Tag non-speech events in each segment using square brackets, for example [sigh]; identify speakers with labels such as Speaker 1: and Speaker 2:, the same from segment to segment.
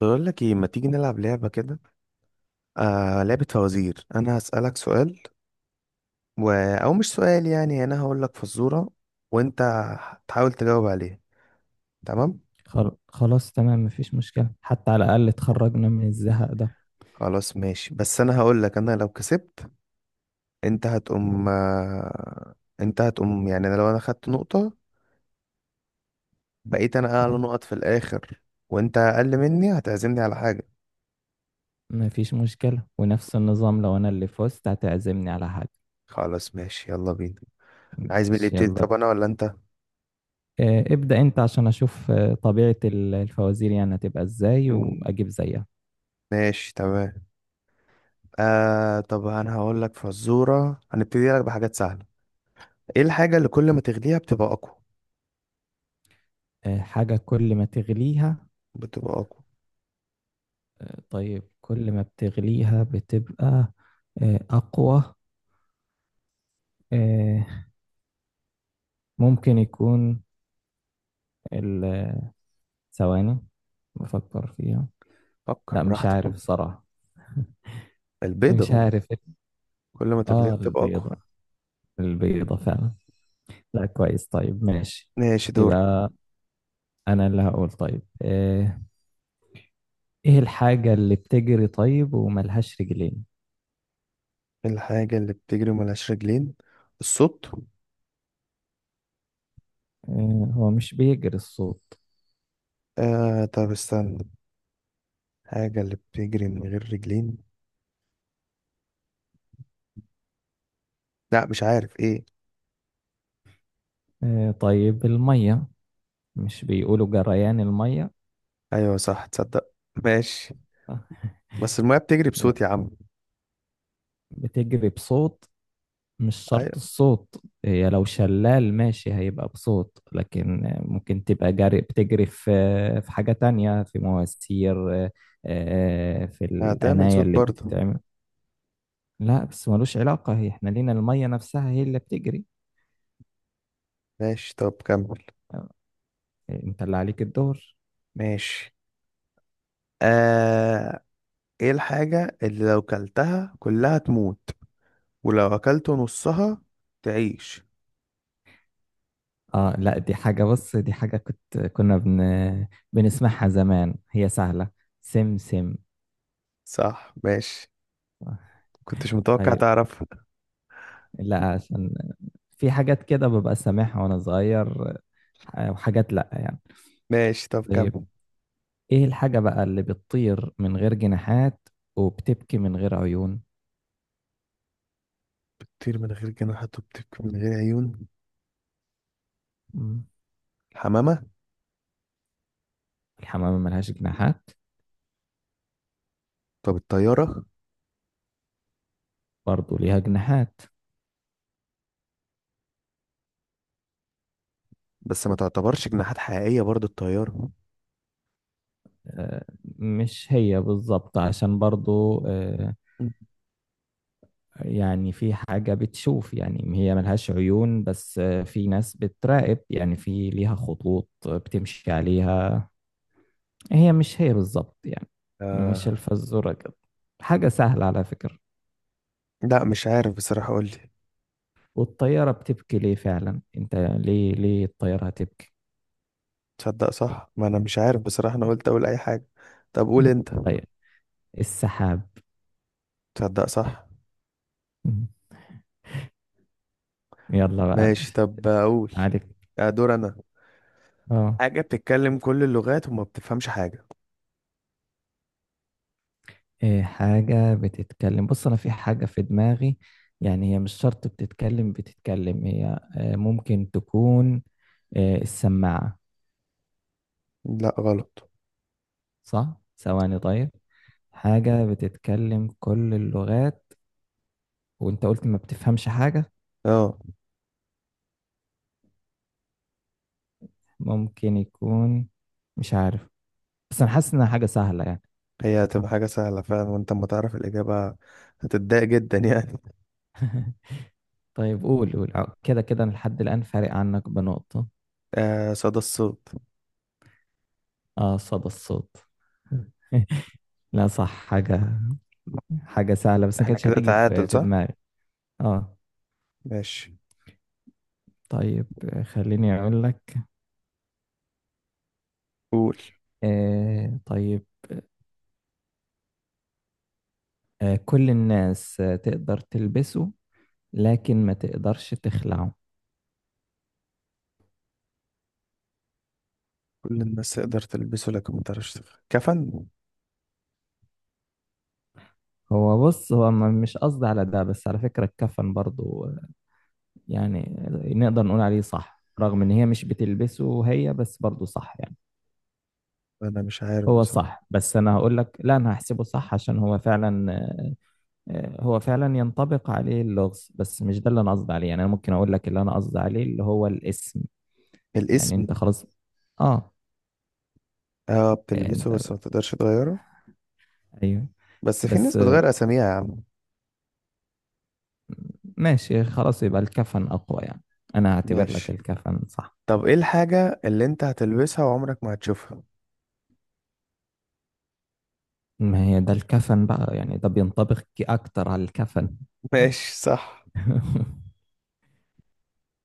Speaker 1: بقول لك ايه، ما تيجي نلعب لعبة كده؟ آه، لعبة فوازير. انا هسألك سؤال و... او مش سؤال، يعني انا هقول لك فزورة، وانت هتحاول تجاوب عليها. تمام.
Speaker 2: خلاص تمام. مفيش مشكلة، حتى على الأقل اتخرجنا من الزهق ده.
Speaker 1: خلاص ماشي، بس انا هقول لك، انا لو كسبت انت هتقوم. انت هتقوم يعني، انا لو انا خدت نقطة، بقيت انا اعلى
Speaker 2: اه،
Speaker 1: نقط في الاخر، وانت اقل مني، هتعزمني على حاجة.
Speaker 2: مفيش مشكلة، ونفس النظام لو أنا اللي فزت هتعزمني على حاجة.
Speaker 1: خلاص ماشي، يلا بينا. عايز مين اللي
Speaker 2: ماشي،
Speaker 1: يبتدي؟
Speaker 2: يلا
Speaker 1: طب انا ولا انت؟
Speaker 2: ابدأ أنت عشان أشوف طبيعة الفوازير يعني هتبقى إزاي
Speaker 1: مم،
Speaker 2: وأجيب زيها.
Speaker 1: ماشي تمام. آه، طب انا هقول لك فزوره، هنبتدي لك بحاجات سهله. ايه الحاجه اللي كل ما تغليها بتبقى اقوى؟
Speaker 2: حاجة كل ما تغليها؟
Speaker 1: بتبقى اقوى.
Speaker 2: طيب، كل ما بتغليها بتبقى أقوى. آه، ممكن يكون ال- ثواني، بفكر فيها.
Speaker 1: فكر
Speaker 2: لا، مش
Speaker 1: براحتك.
Speaker 2: عارف صراحة. [laughs] مش
Speaker 1: البيضه.
Speaker 2: عارف.
Speaker 1: كل ما تغليها
Speaker 2: اه،
Speaker 1: بتبقى اقوى.
Speaker 2: البيضة، البيضة فعلا. لا، كويس، طيب ماشي.
Speaker 1: ماشي، دورك.
Speaker 2: يبقى انا اللي هقول. طيب ايه الحاجة اللي بتجري طيب وملهاش رجلين؟
Speaker 1: إيه الحاجه اللي بتجري ملهاش رجلين؟ الصوت.
Speaker 2: هو مش بيجري الصوت.
Speaker 1: آه، طب استنى. الحاجه اللي بتجري من غير رجلين. لا مش عارف ايه.
Speaker 2: طيب المية، مش بيقولوا جريان المية؟
Speaker 1: ايوه صح، تصدق؟ ماشي.
Speaker 2: آه،
Speaker 1: بس الميه بتجري
Speaker 2: يلا.
Speaker 1: بصوت يا عم.
Speaker 2: بتجري بصوت، مش شرط
Speaker 1: ايوه.
Speaker 2: الصوت. هي لو شلال ماشي هيبقى بصوت، لكن ممكن تبقى جاري، بتجري في حاجة تانية، في مواسير. في
Speaker 1: هتعمل
Speaker 2: القناية
Speaker 1: صوت
Speaker 2: اللي
Speaker 1: برضه.
Speaker 2: بتتعمل. لا، بس ملوش علاقة، هي احنا لينا المية نفسها هي اللي بتجري.
Speaker 1: ماشي، طب كمل.
Speaker 2: آه، انت اللي عليك الدور.
Speaker 1: ماشي. آه. ايه الحاجة اللي لو كلتها كلها تموت، ولو اكلت نصها تعيش؟
Speaker 2: اه. لا، دي حاجة، بص، دي حاجة كنا بنسمعها زمان، هي سهلة. سم، سم.
Speaker 1: صح، ماشي. كنتش متوقع
Speaker 2: طيب.
Speaker 1: تعرفها.
Speaker 2: لا، عشان في حاجات كده ببقى سامعها وانا صغير، وحاجات لا يعني.
Speaker 1: ماشي، طب كمل.
Speaker 2: طيب، ايه الحاجة بقى اللي بتطير من غير جناحات وبتبكي من غير عيون؟
Speaker 1: بتطير من غير جناحات وبتبكي من غير عيون.
Speaker 2: مم.
Speaker 1: الحمامة.
Speaker 2: الحمامة ملهاش جناحات.
Speaker 1: طب الطيارة.
Speaker 2: برضو ليها جناحات.
Speaker 1: بس ما تعتبرش جناحات حقيقية برضو الطيارة.
Speaker 2: آه، مش هي بالظبط عشان برضو،
Speaker 1: م.
Speaker 2: يعني في حاجة بتشوف، يعني هي ملهاش عيون بس في ناس بتراقب، يعني في ليها خطوط بتمشي عليها. هي مش هي بالضبط يعني. مش
Speaker 1: آه.
Speaker 2: الفزورة كده، حاجة سهلة على فكرة.
Speaker 1: لا مش عارف بصراحة، قول لي.
Speaker 2: والطيارة بتبكي ليه فعلا؟ انت ليه الطيارة هتبكي؟
Speaker 1: تصدق صح؟ ما انا مش عارف بصراحة، انا قلت اقول اي حاجة. طب قول
Speaker 2: [laughs]
Speaker 1: انت.
Speaker 2: طيب، السحاب.
Speaker 1: تصدق صح.
Speaker 2: يلا بقى،
Speaker 1: ماشي، طب اقول.
Speaker 2: عليك.
Speaker 1: آه، دور انا.
Speaker 2: اه.
Speaker 1: حاجة بتتكلم كل اللغات وما بتفهمش حاجة.
Speaker 2: إيه حاجة بتتكلم؟ بص، أنا في حاجة في دماغي. يعني هي مش شرط بتتكلم، بتتكلم هي ممكن تكون السماعة؟
Speaker 1: لا غلط.
Speaker 2: صح؟ ثواني طيب. حاجة بتتكلم كل اللغات وأنت قلت ما بتفهمش حاجة.
Speaker 1: اه.
Speaker 2: ممكن يكون. مش عارف. بس انا حاسس انها حاجة سهلة يعني.
Speaker 1: هي هتبقى حاجة سهلة فعلا، وانت ما تعرف الإجابة، هتتضايق جدا يعني.
Speaker 2: طيب قول، قول. كده كده أنا لحد الآن فارق عنك بنقطة.
Speaker 1: [laughs] آه، صدى الصوت.
Speaker 2: اه، صدى الصوت. [laughs] لا صح، حاجة، حاجة سهلة بس ما
Speaker 1: احنا
Speaker 2: كانتش
Speaker 1: كده
Speaker 2: هتيجي في
Speaker 1: تعادل، صح؟
Speaker 2: دماغي. اه،
Speaker 1: ماشي.
Speaker 2: طيب، خليني أقول لك.
Speaker 1: قول.
Speaker 2: طيب. كل الناس تقدر تلبسه لكن ما تقدرش تخلعه.
Speaker 1: كل الناس تقدر تلبسه لكن ما تعرفش تغيره، كفن؟
Speaker 2: هو بص، هو مش قصدي على ده، بس على فكرة الكفن برضو يعني نقدر نقول عليه صح، رغم ان هي مش بتلبسه هي، بس برضه صح يعني.
Speaker 1: انا مش عارف
Speaker 2: هو صح،
Speaker 1: بصراحة.
Speaker 2: بس انا هقول لك لا، انا هحسبه صح عشان هو فعلا، هو فعلا ينطبق عليه اللغز، بس مش ده اللي انا قصدي عليه. يعني انا ممكن اقول لك اللي انا قصدي عليه، اللي هو الاسم. يعني انت
Speaker 1: الاسم.
Speaker 2: خلاص. اه.
Speaker 1: اه، بتلبسه
Speaker 2: انت.
Speaker 1: بس ما تقدرش تغيره.
Speaker 2: ايوه.
Speaker 1: بس في ناس
Speaker 2: بس.
Speaker 1: بتغير اساميها يا عم.
Speaker 2: ماشي خلاص، يبقى الكفن اقوى يعني. انا هعتبر لك
Speaker 1: ماشي.
Speaker 2: الكفن صح.
Speaker 1: طب ايه الحاجة اللي انت هتلبسها وعمرك ما هتشوفها؟
Speaker 2: ما هي ده الكفن بقى يعني، ده بينطبق اكتر على الكفن.
Speaker 1: [laughs] ماشي صح.
Speaker 2: [laughs]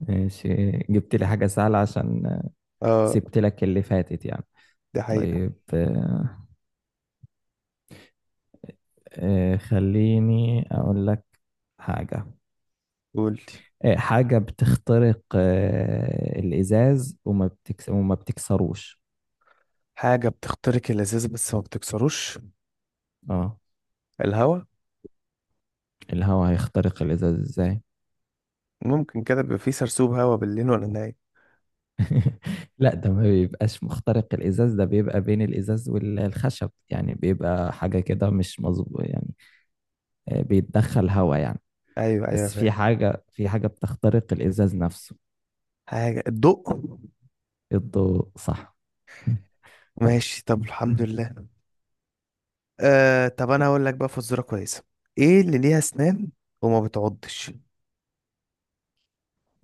Speaker 2: ماشي، جبت لي حاجة سهلة عشان
Speaker 1: اه،
Speaker 2: سبت لك اللي فاتت يعني.
Speaker 1: دي حقيقة.
Speaker 2: طيب، خليني أقول لك حاجة.
Speaker 1: قول.
Speaker 2: حاجة بتخترق الإزاز وما بتكسروش.
Speaker 1: حاجة بتخترق اللذاذة بس ما بتكسروش.
Speaker 2: اه،
Speaker 1: الهوا.
Speaker 2: الهواء. هيخترق الإزاز إزاي؟
Speaker 1: ممكن كده بيبقى فيه سرسوب هوا بالليل ولا النهار؟
Speaker 2: [laughs] لا، ده ما بيبقاش مخترق الإزاز، ده بيبقى بين الإزاز والخشب يعني، بيبقى حاجة كده مش مظبوط يعني. بيتدخل هواء يعني.
Speaker 1: أيوة أيوة،
Speaker 2: بس
Speaker 1: فاهم.
Speaker 2: في حاجة بتخترق الإزاز نفسه.
Speaker 1: حاجة، الضوء.
Speaker 2: الضوء صح.
Speaker 1: ماشي، طب الحمد لله. آه، طب أنا هقول لك بقى فزورة كويسة. إيه اللي ليها أسنان وما بتعضش؟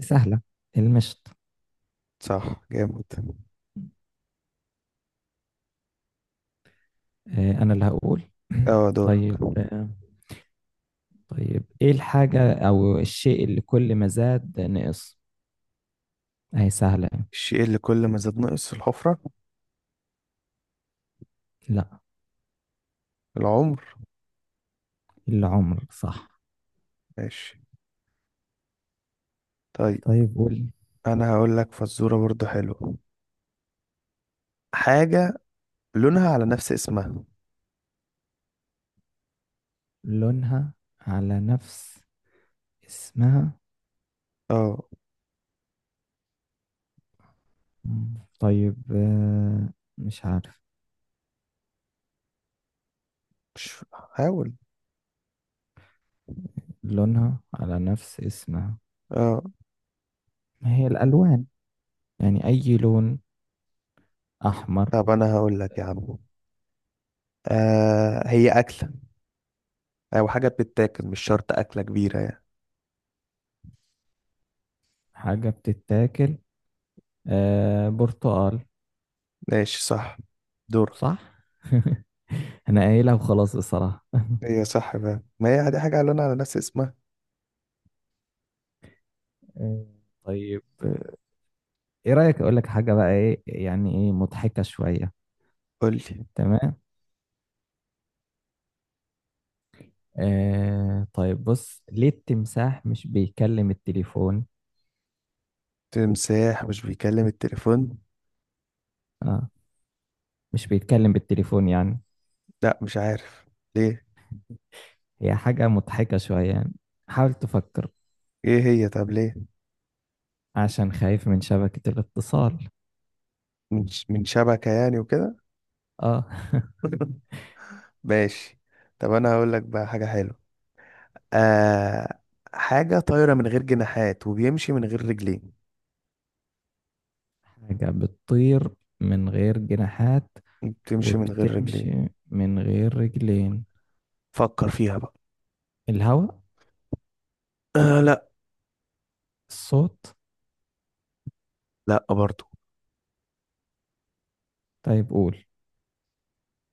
Speaker 2: سهلة، المشط.
Speaker 1: صح، جامد.
Speaker 2: أنا اللي هقول. [clears throat]
Speaker 1: أه، دورك.
Speaker 2: طيب. طيب، إيه الحاجة أو الشيء اللي كل ما زاد نقص؟ أهي سهلة.
Speaker 1: الشيء اللي كل ما زاد نقص في الحفرة.
Speaker 2: لا،
Speaker 1: العمر.
Speaker 2: العمر صح.
Speaker 1: ماشي. طيب.
Speaker 2: طيب قول.
Speaker 1: أنا هقول لك فزورة برضو حلوة. حاجة لونها على نفس اسمها.
Speaker 2: لونها على نفس اسمها.
Speaker 1: اه.
Speaker 2: مم، طيب. مش عارف.
Speaker 1: مش. حاول.
Speaker 2: لونها على نفس اسمها،
Speaker 1: اه.
Speaker 2: ما هي الألوان يعني أي لون، أحمر.
Speaker 1: طب انا هقول لك يا عم، آه هي اكله، او حاجه بتتاكل، مش شرط اكله كبيره يعني.
Speaker 2: حاجة بتتاكل، برتقال.
Speaker 1: ماشي صح. دور.
Speaker 2: صح. [laughs] انا قايلها وخلاص الصراحة. [laughs]
Speaker 1: هي صح بقى، ما هي دي حاجه قالوا على نفس اسمها.
Speaker 2: آه، طيب، ايه رأيك اقول لك حاجة بقى، ايه يعني، ايه مضحكة شوية.
Speaker 1: قول لي.
Speaker 2: تمام. طيب، بص، ليه التمساح مش بيكلم التليفون؟
Speaker 1: تمساح مش بيكلم التليفون.
Speaker 2: آه مش بيتكلم بالتليفون يعني.
Speaker 1: لا مش عارف. ليه؟
Speaker 2: هي حاجة مضحكة شوية يعني، حاول تفكر.
Speaker 1: ايه هي؟ طب ليه؟
Speaker 2: عشان خايف من شبكة الاتصال.
Speaker 1: من شبكه يعني وكده.
Speaker 2: اه. [laughs]
Speaker 1: [laughs] ماشي. طب انا هقول لك بقى حاجه حلوه. آه. حاجه طايره من غير جناحات وبيمشي من غير رجلين.
Speaker 2: حاجة بتطير من غير جناحات
Speaker 1: بتمشي من غير رجلين.
Speaker 2: وبتمشي من غير رجلين.
Speaker 1: فكر فيها بقى.
Speaker 2: الهواء.
Speaker 1: آه، لا.
Speaker 2: الصوت.
Speaker 1: لا برضو.
Speaker 2: طيب قول.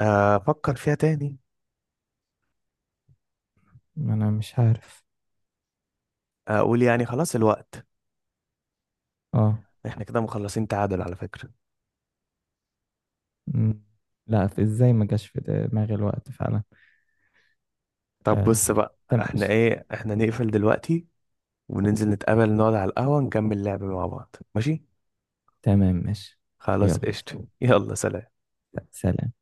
Speaker 1: آه، افكر فيها تاني.
Speaker 2: ما انا مش عارف.
Speaker 1: اقول يعني خلاص، الوقت.
Speaker 2: اه.
Speaker 1: احنا كده مخلصين تعادل على فكرة.
Speaker 2: مم. لا، في ازاي ما جاش في دماغي الوقت فعلا.
Speaker 1: طب
Speaker 2: آه.
Speaker 1: بص بقى،
Speaker 2: تمام
Speaker 1: احنا
Speaker 2: ماشي.
Speaker 1: ايه، احنا نقفل دلوقتي وننزل نتقابل نقعد على القهوة نكمل لعب مع بعض، ماشي.
Speaker 2: تمام ماشي.
Speaker 1: خلاص
Speaker 2: يلا،
Speaker 1: قشطة، يلا سلام.
Speaker 2: سلام.